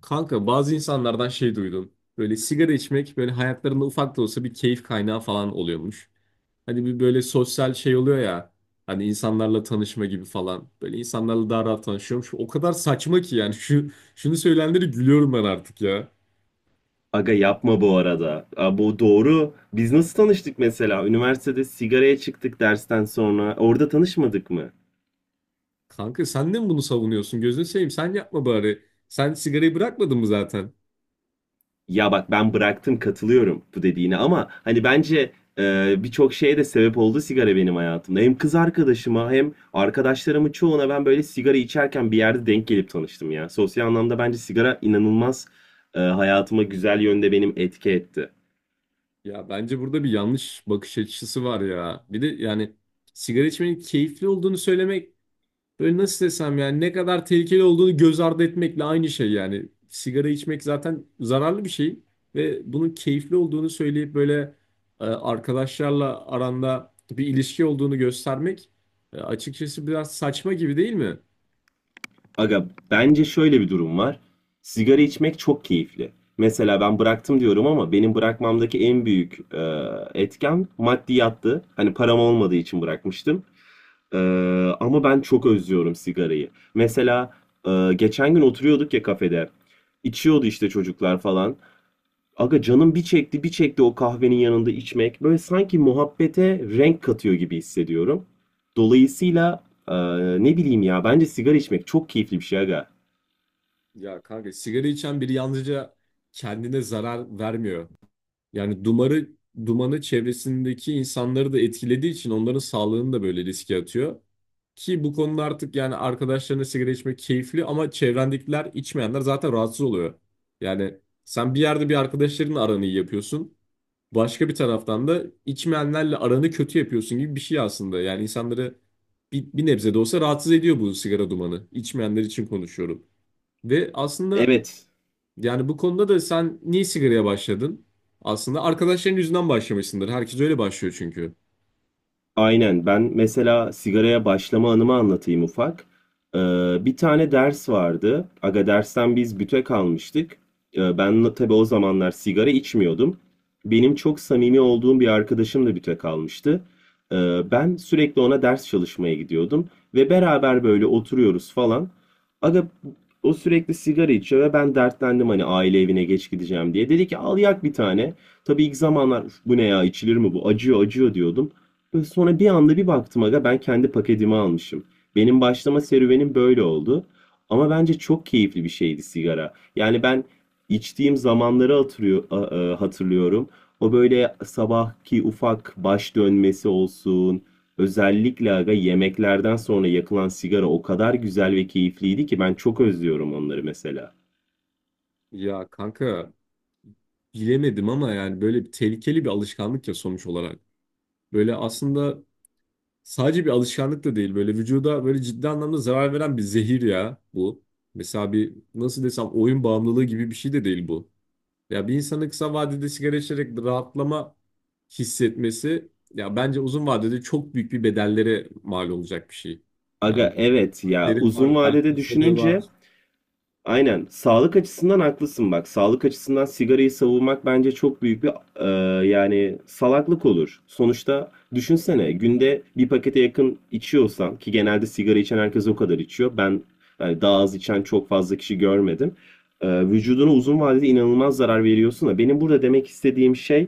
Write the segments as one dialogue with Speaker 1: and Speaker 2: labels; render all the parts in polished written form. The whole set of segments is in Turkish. Speaker 1: Kanka bazı insanlardan şey duydum. Böyle sigara içmek böyle hayatlarında ufak da olsa bir keyif kaynağı falan oluyormuş. Hani bir böyle sosyal şey oluyor ya. Hani insanlarla tanışma gibi falan. Böyle insanlarla daha rahat tanışıyormuş. O kadar saçma ki yani şunu söyleyenlere gülüyorum ben artık ya.
Speaker 2: Aga yapma bu arada. Aa, bu doğru. Biz nasıl tanıştık mesela? Üniversitede sigaraya çıktık dersten sonra. Orada tanışmadık mı?
Speaker 1: Kanka sen de mi bunu savunuyorsun? Gözünü seveyim sen yapma bari. Sen sigarayı bırakmadın mı zaten?
Speaker 2: Ya bak, ben bıraktım, katılıyorum bu dediğine, ama hani bence birçok şeye de sebep oldu sigara benim hayatımda. Hem kız arkadaşıma hem arkadaşlarımın çoğuna ben böyle sigara içerken bir yerde denk gelip tanıştım ya. Sosyal anlamda bence sigara inanılmaz, hayatıma güzel yönde benim etki etti.
Speaker 1: Ya bence burada bir yanlış bakış açısı var ya. Bir de yani sigara içmenin keyifli olduğunu söylemek, böyle nasıl desem yani, ne kadar tehlikeli olduğunu göz ardı etmekle aynı şey yani. Sigara içmek zaten zararlı bir şey ve bunun keyifli olduğunu söyleyip böyle arkadaşlarla aranda bir ilişki olduğunu göstermek açıkçası biraz saçma gibi değil mi?
Speaker 2: Aga, bence şöyle bir durum var. Sigara içmek çok keyifli. Mesela ben bıraktım diyorum ama benim bırakmamdaki en büyük etken maddiyattı. Hani param olmadığı için bırakmıştım. E, Ama ben çok özlüyorum sigarayı. Mesela geçen gün oturuyorduk ya kafede. İçiyordu işte çocuklar falan. Aga, canım bir çekti bir çekti o kahvenin yanında içmek. Böyle sanki muhabbete renk katıyor gibi hissediyorum. Dolayısıyla e, ne bileyim ya, bence sigara içmek çok keyifli bir şey aga.
Speaker 1: Ya kanka, sigara içen biri yalnızca kendine zarar vermiyor. Yani dumanı çevresindeki insanları da etkilediği için onların sağlığını da böyle riske atıyor. Ki bu konuda artık yani arkadaşlarına sigara içmek keyifli ama çevrendekiler, içmeyenler, zaten rahatsız oluyor. Yani sen bir yerde arkadaşlarınla aranı iyi yapıyorsun. Başka bir taraftan da içmeyenlerle aranı kötü yapıyorsun gibi bir şey aslında. Yani insanları bir nebze de olsa rahatsız ediyor bu sigara dumanı. İçmeyenler için konuşuyorum. Ve aslında
Speaker 2: Evet.
Speaker 1: yani bu konuda da sen niye sigaraya başladın? Aslında arkadaşların yüzünden başlamışsındır. Herkes öyle başlıyor çünkü.
Speaker 2: Aynen. Ben mesela sigaraya başlama anımı anlatayım ufak. Ee, Bir tane ders vardı. Aga, dersten biz bütek almıştık. Ben de tabii o zamanlar sigara içmiyordum. Benim çok samimi olduğum bir arkadaşım da bütek almıştı. Ee, Ben sürekli ona ders çalışmaya gidiyordum. Ve beraber böyle oturuyoruz falan. Aga, o sürekli sigara içiyor ve ben dertlendim hani aile evine geç gideceğim diye. Dedi ki, al yak bir tane. Tabii ilk zamanlar "Üf, bu ne ya, içilir mi bu, acıyor acıyor" diyordum. Sonra bir anda bir baktım aga, ben kendi paketimi almışım. Benim başlama serüvenim böyle oldu. Ama bence çok keyifli bir şeydi sigara. Yani ben içtiğim zamanları hatırlıyorum. O böyle sabahki ufak baş dönmesi olsun. Özellikle aga, yemeklerden sonra yakılan sigara o kadar güzel ve keyifliydi ki ben çok özlüyorum onları mesela.
Speaker 1: Ya kanka, bilemedim ama yani böyle bir tehlikeli bir alışkanlık ya sonuç olarak. Böyle aslında sadece bir alışkanlık da değil. Böyle vücuda böyle ciddi anlamda zarar veren bir zehir ya bu. Mesela bir nasıl desem, oyun bağımlılığı gibi bir şey de değil bu. Ya bir insanın kısa vadede sigara içerek rahatlama hissetmesi ya bence uzun vadede çok büyük bir bedellere mal olacak bir şey. Yani
Speaker 2: Aga evet ya,
Speaker 1: derin var,
Speaker 2: uzun
Speaker 1: kalp
Speaker 2: vadede
Speaker 1: hastalığı
Speaker 2: düşününce.
Speaker 1: var.
Speaker 2: Aynen. Sağlık açısından haklısın bak. Sağlık açısından sigarayı savunmak bence çok büyük bir yani salaklık olur. Sonuçta düşünsene, günde bir pakete yakın içiyorsan ki genelde sigara içen herkes o kadar içiyor. Ben yani daha az içen çok fazla kişi görmedim. Vücuduna uzun vadede inanılmaz zarar veriyorsun da benim burada demek istediğim şey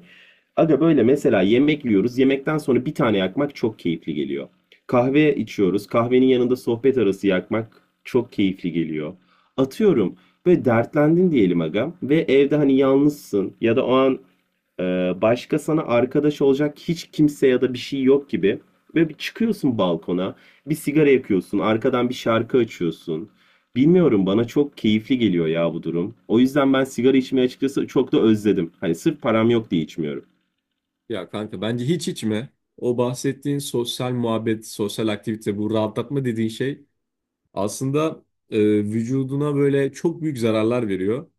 Speaker 2: aga, böyle mesela yemek yiyoruz. Yemekten sonra bir tane yakmak çok keyifli geliyor. Kahve içiyoruz. Kahvenin yanında sohbet arası yakmak çok keyifli geliyor. Atıyorum, böyle dertlendin diyelim agam, ve evde hani yalnızsın ya da o an e, başka sana arkadaş olacak hiç kimse ya da bir şey yok gibi. Ve bir çıkıyorsun balkona, bir sigara yakıyorsun, arkadan bir şarkı açıyorsun. Bilmiyorum, bana çok keyifli geliyor ya bu durum. O yüzden ben sigara içmeyi açıkçası çok da özledim. Hani sırf param yok diye içmiyorum.
Speaker 1: Ya kanka, bence hiç içme. O bahsettiğin sosyal muhabbet, sosyal aktivite, bu rahatlatma dediğin şey aslında e, vücuduna böyle çok büyük zararlar veriyor.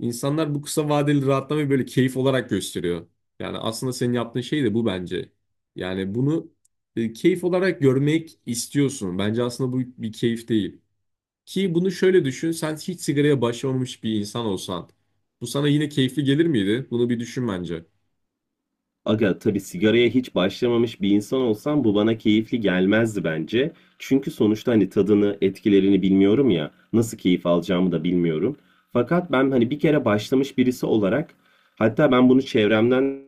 Speaker 1: İnsanlar bu kısa vadeli rahatlamayı böyle keyif olarak gösteriyor. Yani aslında senin yaptığın şey de bu bence. Yani bunu keyif olarak görmek istiyorsun. Bence aslında bu bir keyif değil. Ki bunu şöyle düşün, sen hiç sigaraya başlamamış bir insan olsan, bu sana yine keyifli gelir miydi? Bunu bir düşün bence.
Speaker 2: Aga tabii, sigaraya hiç başlamamış bir insan olsam bu bana keyifli gelmezdi bence. Çünkü sonuçta hani tadını, etkilerini bilmiyorum ya. Nasıl keyif alacağımı da bilmiyorum. Fakat ben hani bir kere başlamış birisi olarak, hatta ben bunu çevremden.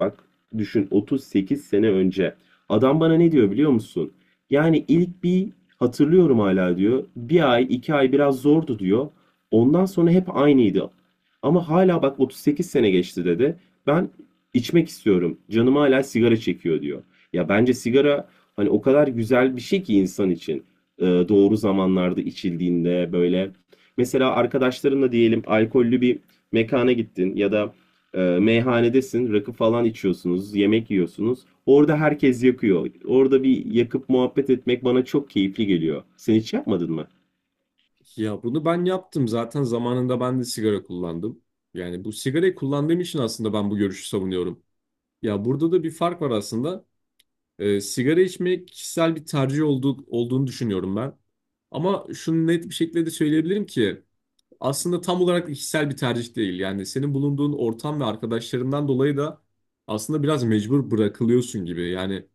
Speaker 2: Bak, düşün, 38 sene önce. Adam bana ne diyor biliyor musun? Yani ilk bir hatırlıyorum hala diyor. Bir ay, iki ay biraz zordu diyor. Ondan sonra hep aynıydı. Ama hala bak, 38 sene geçti dedi. Ben içmek istiyorum, canım hala sigara çekiyor diyor. Ya, bence sigara hani o kadar güzel bir şey ki insan için. Doğru zamanlarda içildiğinde böyle. Mesela arkadaşlarınla diyelim alkollü bir mekana gittin, ya da meyhanedesin, rakı falan içiyorsunuz, yemek yiyorsunuz. Orada herkes yakıyor. Orada bir yakıp muhabbet etmek bana çok keyifli geliyor. Sen hiç yapmadın mı?
Speaker 1: Ya bunu ben yaptım zaten, zamanında ben de sigara kullandım. Yani bu sigarayı kullandığım için aslında ben bu görüşü savunuyorum. Ya burada da bir fark var aslında. Sigara içmek kişisel bir tercih olduğunu düşünüyorum ben. Ama şunu net bir şekilde de söyleyebilirim ki aslında tam olarak kişisel bir tercih değil. Yani senin bulunduğun ortam ve arkadaşlarından dolayı da aslında biraz mecbur bırakılıyorsun gibi. Yani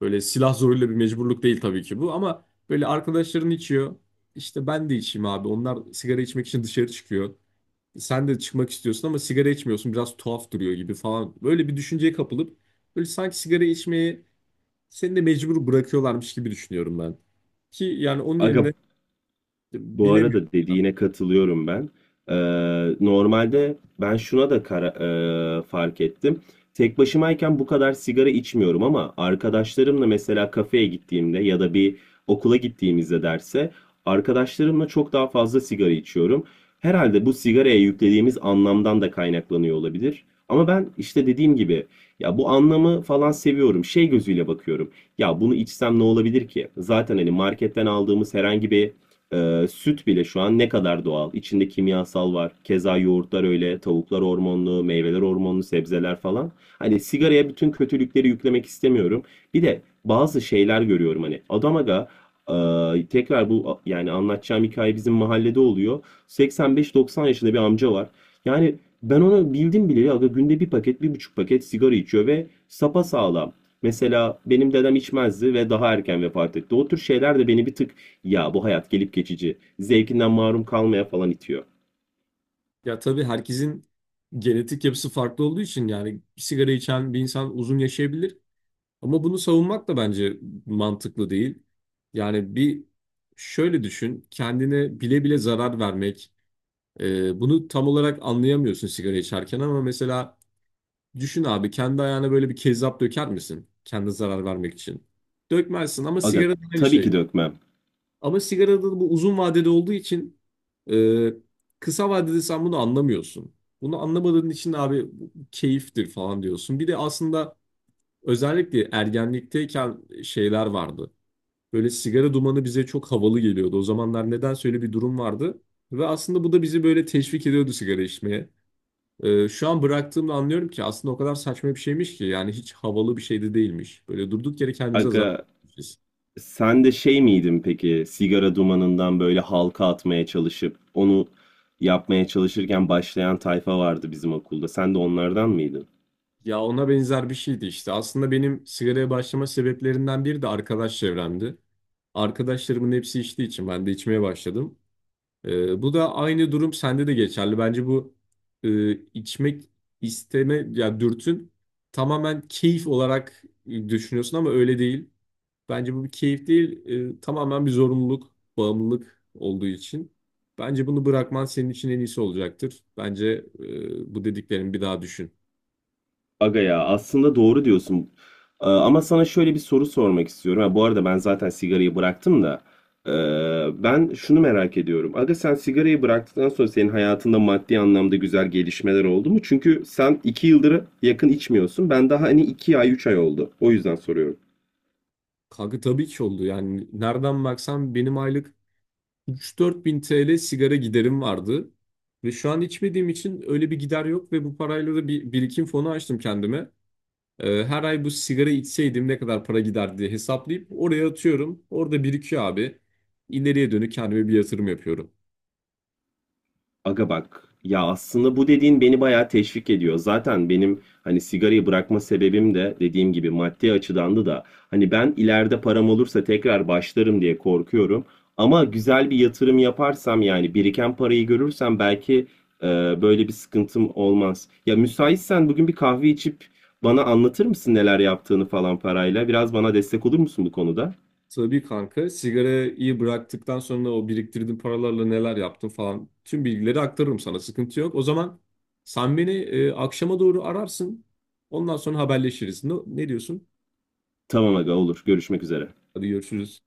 Speaker 1: böyle silah zoruyla bir mecburluk değil tabii ki bu, ama böyle arkadaşların içiyor. İşte ben de içeyim abi. Onlar sigara içmek için dışarı çıkıyor. Sen de çıkmak istiyorsun ama sigara içmiyorsun. Biraz tuhaf duruyor gibi falan. Böyle bir düşünceye kapılıp böyle sanki sigara içmeyi seni de mecbur bırakıyorlarmış gibi düşünüyorum ben. Ki yani onun
Speaker 2: Aga,
Speaker 1: yerine
Speaker 2: bu
Speaker 1: bilemiyorum
Speaker 2: arada
Speaker 1: ya.
Speaker 2: dediğine katılıyorum ben. Ee, Normalde ben şuna da fark ettim. Tek başımayken bu kadar sigara içmiyorum ama arkadaşlarımla mesela kafeye gittiğimde ya da bir okula gittiğimizde derse, arkadaşlarımla çok daha fazla sigara içiyorum. Herhalde bu sigaraya yüklediğimiz anlamdan da kaynaklanıyor olabilir. Ama ben işte dediğim gibi, ya bu anlamı falan seviyorum. Şey gözüyle bakıyorum. Ya bunu içsem ne olabilir ki? Zaten hani marketten aldığımız herhangi bir süt bile şu an ne kadar doğal. İçinde kimyasal var. Keza yoğurtlar öyle, tavuklar hormonlu, meyveler hormonlu, sebzeler falan. Hani sigaraya bütün kötülükleri yüklemek istemiyorum. Bir de bazı şeyler görüyorum hani. Adam aga, tekrar bu yani anlatacağım hikaye bizim mahallede oluyor. 85-90 yaşında bir amca var. Yani ben onu bildim bileli aga, günde bir paket, 1,5 paket sigara içiyor ve sapasağlam. Mesela benim dedem içmezdi ve daha erken vefat etti. O tür şeyler de beni bir tık, ya bu hayat gelip geçici, zevkinden mahrum kalmaya falan itiyor.
Speaker 1: Ya tabii herkesin genetik yapısı farklı olduğu için yani sigara içen bir insan uzun yaşayabilir. Ama bunu savunmak da bence mantıklı değil. Yani bir şöyle düşün, kendine bile bile zarar vermek. Bunu tam olarak anlayamıyorsun sigara içerken ama mesela düşün abi, kendi ayağına böyle bir kezzap döker misin? Kendine zarar vermek için. Dökmezsin, ama
Speaker 2: Aga
Speaker 1: sigara da aynı
Speaker 2: tabii ki
Speaker 1: şey.
Speaker 2: dökmem.
Speaker 1: Ama sigarada da bu uzun vadede olduğu için e, kısa vadede sen bunu anlamıyorsun. Bunu anlamadığın için abi bu keyiftir falan diyorsun. Bir de aslında özellikle ergenlikteyken şeyler vardı. Böyle sigara dumanı bize çok havalı geliyordu. O zamanlar nedense öyle bir durum vardı. Ve aslında bu da bizi böyle teşvik ediyordu sigara içmeye. Şu an bıraktığımda anlıyorum ki aslında o kadar saçma bir şeymiş ki. Yani hiç havalı bir şey de değilmiş. Böyle durduk yere kendimize zarar
Speaker 2: Aga,
Speaker 1: vermişiz.
Speaker 2: sen de şey miydin peki, sigara dumanından böyle halka atmaya çalışıp onu yapmaya çalışırken başlayan tayfa vardı bizim okulda. Sen de onlardan mıydın?
Speaker 1: Ya ona benzer bir şeydi işte. Aslında benim sigaraya başlama sebeplerinden biri de arkadaş çevremdi. Arkadaşlarımın hepsi içtiği için ben de içmeye başladım. Bu da aynı durum sende de geçerli. Bence bu içmek isteme ya dürtün tamamen keyif olarak düşünüyorsun ama öyle değil. Bence bu bir keyif değil, tamamen bir zorunluluk, bağımlılık olduğu için. Bence bunu bırakman senin için en iyisi olacaktır. Bence bu dediklerimi bir daha düşün.
Speaker 2: Aga ya, aslında doğru diyorsun. Ama sana şöyle bir soru sormak istiyorum. Ha, bu arada ben zaten sigarayı bıraktım da. Ben şunu merak ediyorum. Aga, sen sigarayı bıraktıktan sonra senin hayatında maddi anlamda güzel gelişmeler oldu mu? Çünkü sen 2 yıldır yakın içmiyorsun. Ben daha hani 2 ay, 3 ay oldu. O yüzden soruyorum.
Speaker 1: Kanka tabii ki oldu. Yani nereden baksan benim aylık 3-4 bin TL sigara giderim vardı. Ve şu an içmediğim için öyle bir gider yok ve bu parayla da bir birikim fonu açtım kendime. Her ay bu sigara içseydim ne kadar para gider diye hesaplayıp oraya atıyorum. Orada birikiyor abi. İleriye dönük kendime bir yatırım yapıyorum.
Speaker 2: Aga bak ya, aslında bu dediğin beni bayağı teşvik ediyor. Zaten benim hani sigarayı bırakma sebebim de dediğim gibi maddi açıdandı da, hani ben ileride param olursa tekrar başlarım diye korkuyorum. Ama güzel bir yatırım yaparsam, yani biriken parayı görürsem, belki e, böyle bir sıkıntım olmaz. Ya müsaitsen bugün bir kahve içip bana anlatır mısın neler yaptığını falan parayla? Biraz bana destek olur musun bu konuda?
Speaker 1: Tabii kanka, sigarayı bıraktıktan sonra o biriktirdiğim paralarla neler yaptım falan, tüm bilgileri aktarırım sana, sıkıntı yok. O zaman sen beni akşama doğru ararsın, ondan sonra haberleşiriz. Ne diyorsun?
Speaker 2: Tamam aga, olur. Görüşmek üzere.
Speaker 1: Hadi görüşürüz.